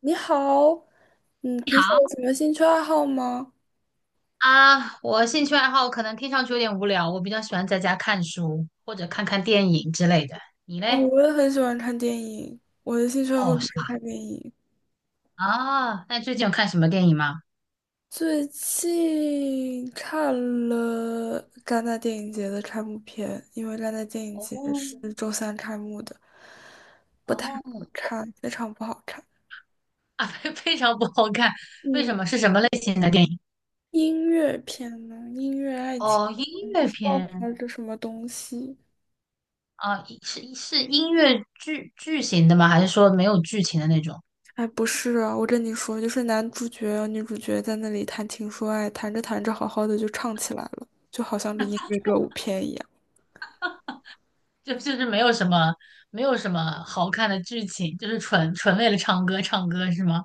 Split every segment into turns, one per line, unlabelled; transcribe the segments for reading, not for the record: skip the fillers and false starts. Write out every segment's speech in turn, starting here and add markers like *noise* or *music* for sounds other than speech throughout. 你好，嗯，
你
平时
好，
有什么兴趣爱好吗？
我兴趣爱好可能听上去有点无聊，我比较喜欢在家看书或者看看电影之类的。你
哦，
嘞？
我也很喜欢看电影，我的兴趣爱好
哦，
就
是
是
吧？
看电影。
啊，那最近有看什么电影吗？
最近看了戛纳电影节的开幕片，因为戛纳电影
哦
节是周三开幕的，不太好
哦，
看，非常不好看。
*laughs* 非常不好看，为
嗯，
什么？是什么类型的电影？
音乐片呢？音乐爱情，
哦，音
不
乐
知道
片
拍的什么东西。
啊，是音乐剧剧情的吗？还是说没有剧情的那种？
哎，不是啊，我跟你说，就是男主角、女主角在那里谈情说爱，谈着谈着，好好的就唱起来了，就好像是音乐歌舞片一样。
*laughs* 就是没有什么好看的剧情，就是纯为了唱歌是吗？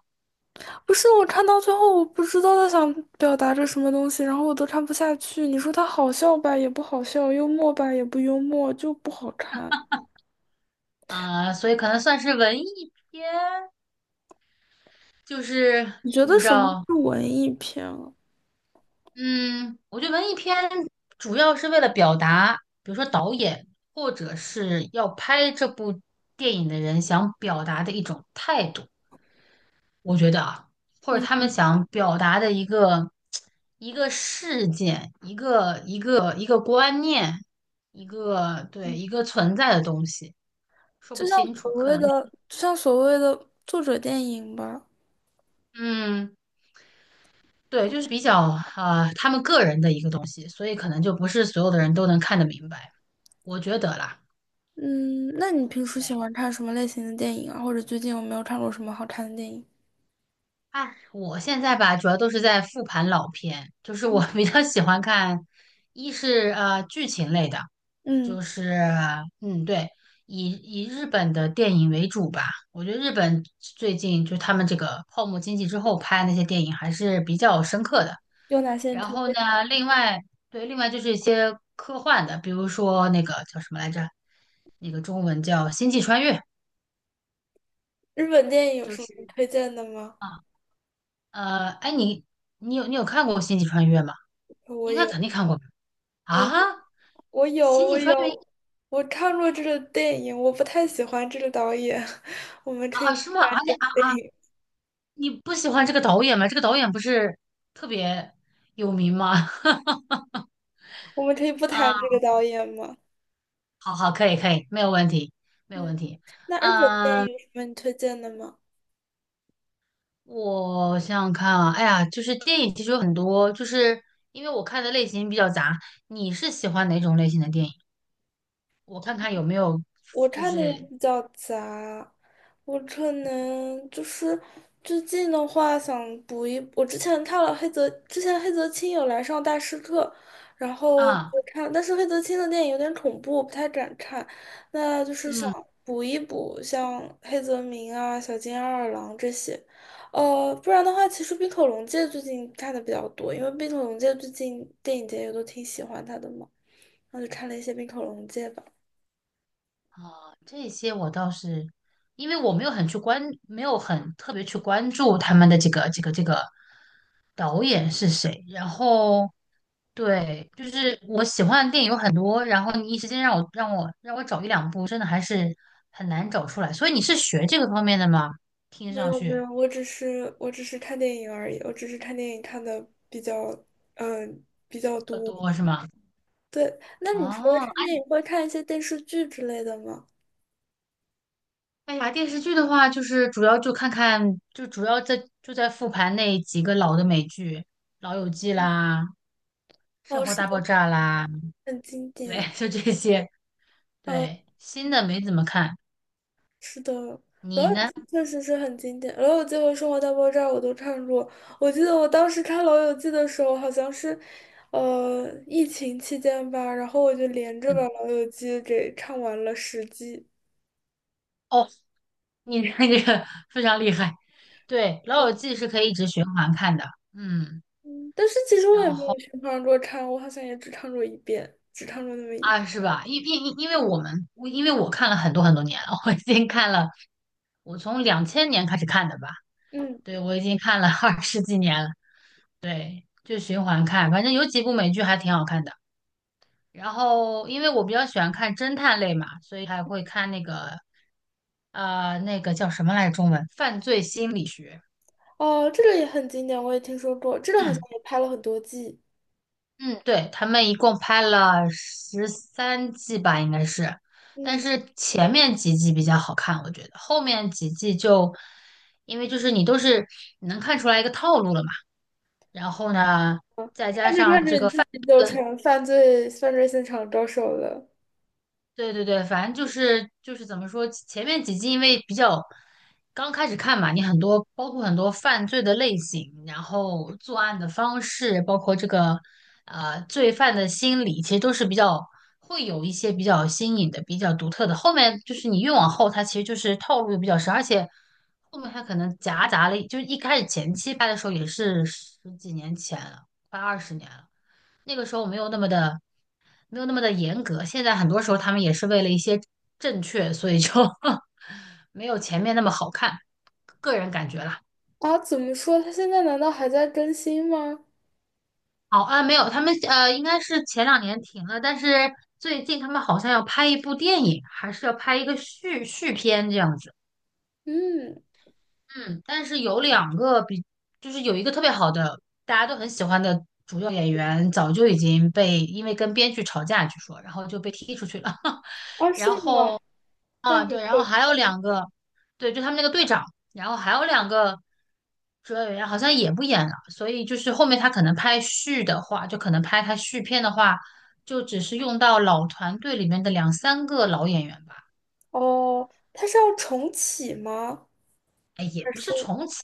不是，我看到最后，我不知道他想表达着什么东西，然后我都看不下去。你说他好笑吧，也不好笑；幽默吧，也不幽默，就不好看。
啊，所以可能算是文艺片，就是
你觉得
你知
什么
道，
是文艺片啊？
嗯，我觉得文艺片主要是为了表达，比如说导演或者是要拍这部电影的人想表达的一种态度，我觉得啊，或者他
嗯，
们想表达的一个一个事件，一个一个观念，一个对一个存在的东西，说不清楚，可能
就像所谓的作者电影吧。
嗯。对，就是比较他们个人的一个东西，所以可能就不是所有的人都能看得明白，我觉得啦。
嗯，那你平时喜
对，
欢看什么类型的电影啊？或者最近有没有看过什么好看的电影？
哎，我现在吧，主要都是在复盘老片，就是我 *laughs* 比较喜欢看，剧情类的，
嗯，
就是对，以日本的电影为主吧。我觉得日本最近就他们这个泡沫经济之后拍的那些电影还是比较深刻的。
有哪些你
然
推
后
荐？
呢，另外对，另外就是一些科幻的，比如说那个叫什么来着，那个中文叫《星际穿越》，
日本电影有
就
什么
是
你推荐的吗？
啊，哎，你有看过《星际穿越》吗？
我
应该
有，
肯定看过吧
我有，
啊，
我有，
《星际
我
穿越》
有，我看过这个电影，我不太喜欢这个导演。*laughs* 我们可
啊，
以
啊
不
是吗？而且
电
啊，
影，
你不喜欢这个导演吗？这个导演不是特别有名吗？*laughs*
我们可以不
啊，
谈这个导演吗？
好好，可以可以，没有问题，没有
嗯，
问题。
那日本电
嗯。
影有什么你推荐的吗？
我想想看啊，哎呀，就是电影其实有很多，就是因为我看的类型比较杂。你是喜欢哪种类型的电影？我看看有没有，
我
就
看的也
是
比较杂，我可能就是最近的话想补一，我之前看了黑泽，之前黑泽清有来上大师课，然后
啊，
但是黑泽清的电影有点恐怖，我不太敢看，那就是想
嗯
补一补像黑泽明啊、小津安二郎这些，不然的话，其实冰口龙介最近看的比较多，因为冰口龙介最近电影节也都挺喜欢他的嘛，然后就看了一些冰口龙介吧。
啊，这些我倒是，因为我没有很去关，没有很特别去关注他们的这个导演是谁。然后对，就是我喜欢的电影有很多，然后你一时间让我找一两部，真的还是很难找出来。所以你是学这个方面的吗？听
没
上
有没有，
去
我只是看电影而已，我只是看电影看的比较
比较
多。
多是吗？
对，那你除了
哦，
看
哎
电影，会看一些电视剧之类的吗？
哎呀，电视剧的话，就是主要就看看，就主要在在复盘那几个老的美剧，《老友记》
嗯，
啦，《生
哦，
活
是
大爆
的，
炸》啦，
很经
对，
典。
*laughs* 就这些。
哦，
对，新的没怎么看。
是的，《老
你
友
呢？
记》确实是很经典，《老友记》和《生活大爆炸》我都看过。我记得我当时看《老友记》的时候，好像是疫情期间吧，然后我就连着把
嗯
《老友记》给看完了10季。
哦。你这个非常厉害，对，《老友记》是可以一直循环看的，嗯，
嗯但是其实
然
我也没有
后
去唱过唱，我好像也只唱过一遍，只唱过那么一遍
啊，是吧？因为我看了很多很多年了，我已经看了，我从两千年开始看的吧，
嗯，
对，我已经看了 *laughs* 20几年了，对，就循环看，反正有几部美剧还挺好看的。然后，因为我比较喜欢看侦探类嘛，所以还会看那个那个叫什么来着中文？犯罪心理学，
哦，这个也很经典，我也听说过，这个好像
嗯。
也拍了很多季。
嗯，对，他们一共拍了13季吧，应该是，但
嗯，
是前面几季比较好看，我觉得后面几季就，因为就是你都是你能看出来一个套路了嘛，然后呢，
看着看着你自己就成犯罪现场高手了
对对对，反正就是怎么说，前面几季因为比较刚开始看嘛，你很多包括很多犯罪的类型，然后作案的方式，包括这个罪犯的心理，其实都是比较会有一些比较新颖的、比较独特的。后面就是你越往后，它其实就是套路比较深，而且后面它可能夹杂了，就是一开始前期拍的时候也是十几年前了，快20年了。那个时候没有那么的，没有那么的严格。现在很多时候他们也是为了一些正确，所以就 *laughs* 没有前面那么好看，个人感觉啦。
啊？怎么说？他现在难道还在更新吗？
好啊，没有，他们应该是前两年停了，但是最近他们好像要拍一部电影，还是要拍一个续片这样子。
嗯，
嗯，但是有两个比，就是有一个特别好的，大家都很喜欢的主要演员，早就已经被因为跟编剧吵架，据说，然后就被踢出去了。*laughs*
啊，是
然
吗？
后
那
啊，
很
对，然
可
后
惜
还有两个，对，就他们那个队长，然后还有两个主要演员好像也不演了，所以就是后面他可能拍续的话，就可能拍他续片的话，就只是用到老团队里面的两三个老演员吧，
哦，他是要重启吗？
哎，也
还
不
是
是重启，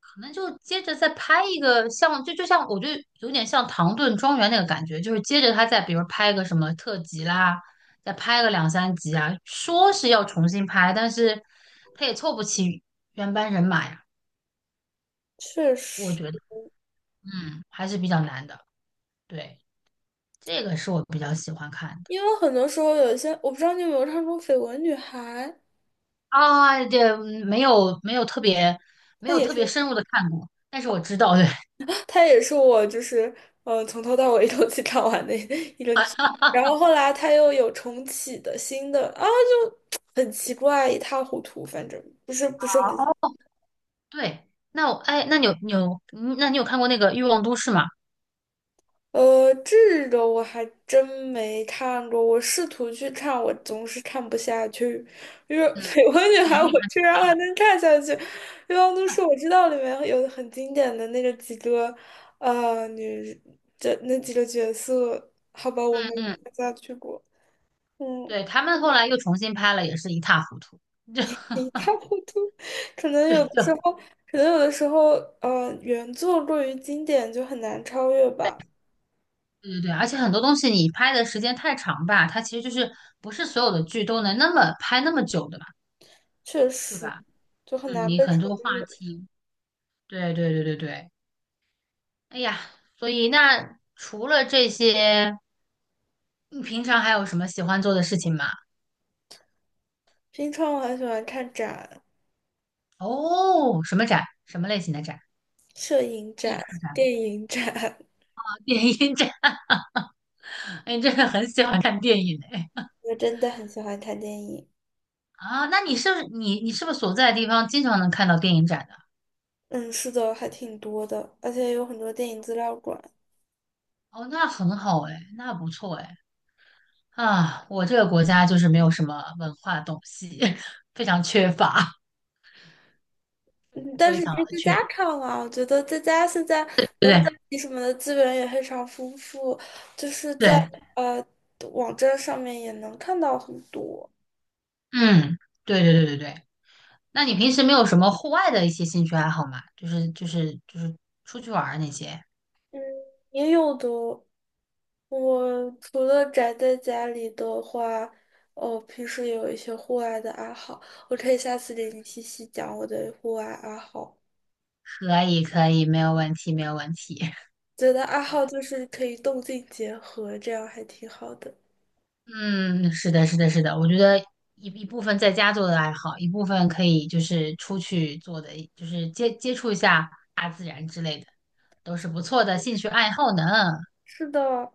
可能就接着再拍一个像，就像有点像《唐顿庄园》那个感觉，就是接着他再比如拍个什么特辑啦，再拍个两三集啊，说是要重新拍，但是他也凑不齐原班人马呀。
确
我
实，
觉得，嗯，还是比较难的。对，这个是我比较喜欢看的
因为很多时候有一些，我不知道你有没有看过《绯闻女孩》，
啊，这嗯没有没
它
有
也
特别
是。
深入的看过，但是我知道，对哦，
它也是我就是从头到尾 *laughs* 一口气看完的 *laughs* 一个剧，然后后来它又有重启的新的啊，就很奇怪，一塌糊涂，反正不是很
*laughs* 对。那我哎，那你有嗯那你有看过那个《欲望都市》吗？
这个我还真没看过，我试图去看，我总是看不下去，因为《<laughs> 绯
嗯
闻女孩》
年龄
我
还
居然还能看下去，一望都是我知道里面有很经典的那个几个女这那几个角色，好吧，
嗯
我没
嗯，
看下去过。嗯，
对，他们后来又重新拍了，也是一塌糊涂。*laughs* 就
一塌糊涂。可能
对，
有的
就
时
*laughs* 对
候，可能有的时候，原作过于经典就很难超越吧，
对对，而且很多东西你拍的时间太长吧，它其实就是不是所有的剧都能那么拍那么久的嘛，
确
对
实
吧？
就很
嗯，
难
你
被
很
超
多话
越。
题。对对对对对，哎呀，所以那除了这些，你平常还有什么喜欢做的事情吗？
平常我很喜欢看展、
哦，什么展？什么类型的展？
摄影
艺
展、
术展吗
电影展，
啊 *laughs* 电影展？*laughs* 哎，你真的很喜欢看电影哎。
*laughs* 我真的很喜欢看电影。
啊，那你是不是你是不是所在的地方经常能看到电影展的？
嗯，是的，还挺多的，而且有很多电影资料馆。
哦，那很好哎，那不错哎。啊，我这个国家就是没有什么文化东西，*laughs* 非常缺乏，
嗯但
非
是
常
可
的
以在
缺，
家看啊，我觉得在家现在
对不
我们
对？
什么的资源也非常丰富，就是在
对，
呃网站上面也能看到很多。
嗯，对对对对对。那你平时没有什么户外的一些兴趣爱好吗？就是出去玩儿那些，
嗯，也有的。我除了宅在家里的话，哦，平时也有一些户外的爱好，我可以下次给你细细讲我的户外爱好。
可以可以，没有问题没有问题。*laughs*
觉得爱好就是可以动静结合，这样还挺好的。
嗯，是的，是的，是的，我觉得一部分在家做的爱好，一部分可以就是出去做的，就是接触一下大自然之类的，都是不错的兴趣爱好呢。
是的，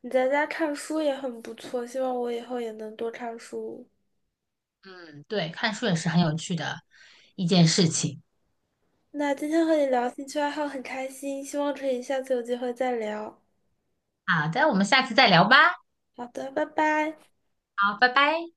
你在家看书也很不错，希望我以后也能多看书。
嗯，对，看书也是很有趣的一件事情。
那今天和你聊兴趣爱好很开心，希望可以下次有机会再聊。
好的，我们下次再聊吧。
好的，拜拜。
好，拜拜。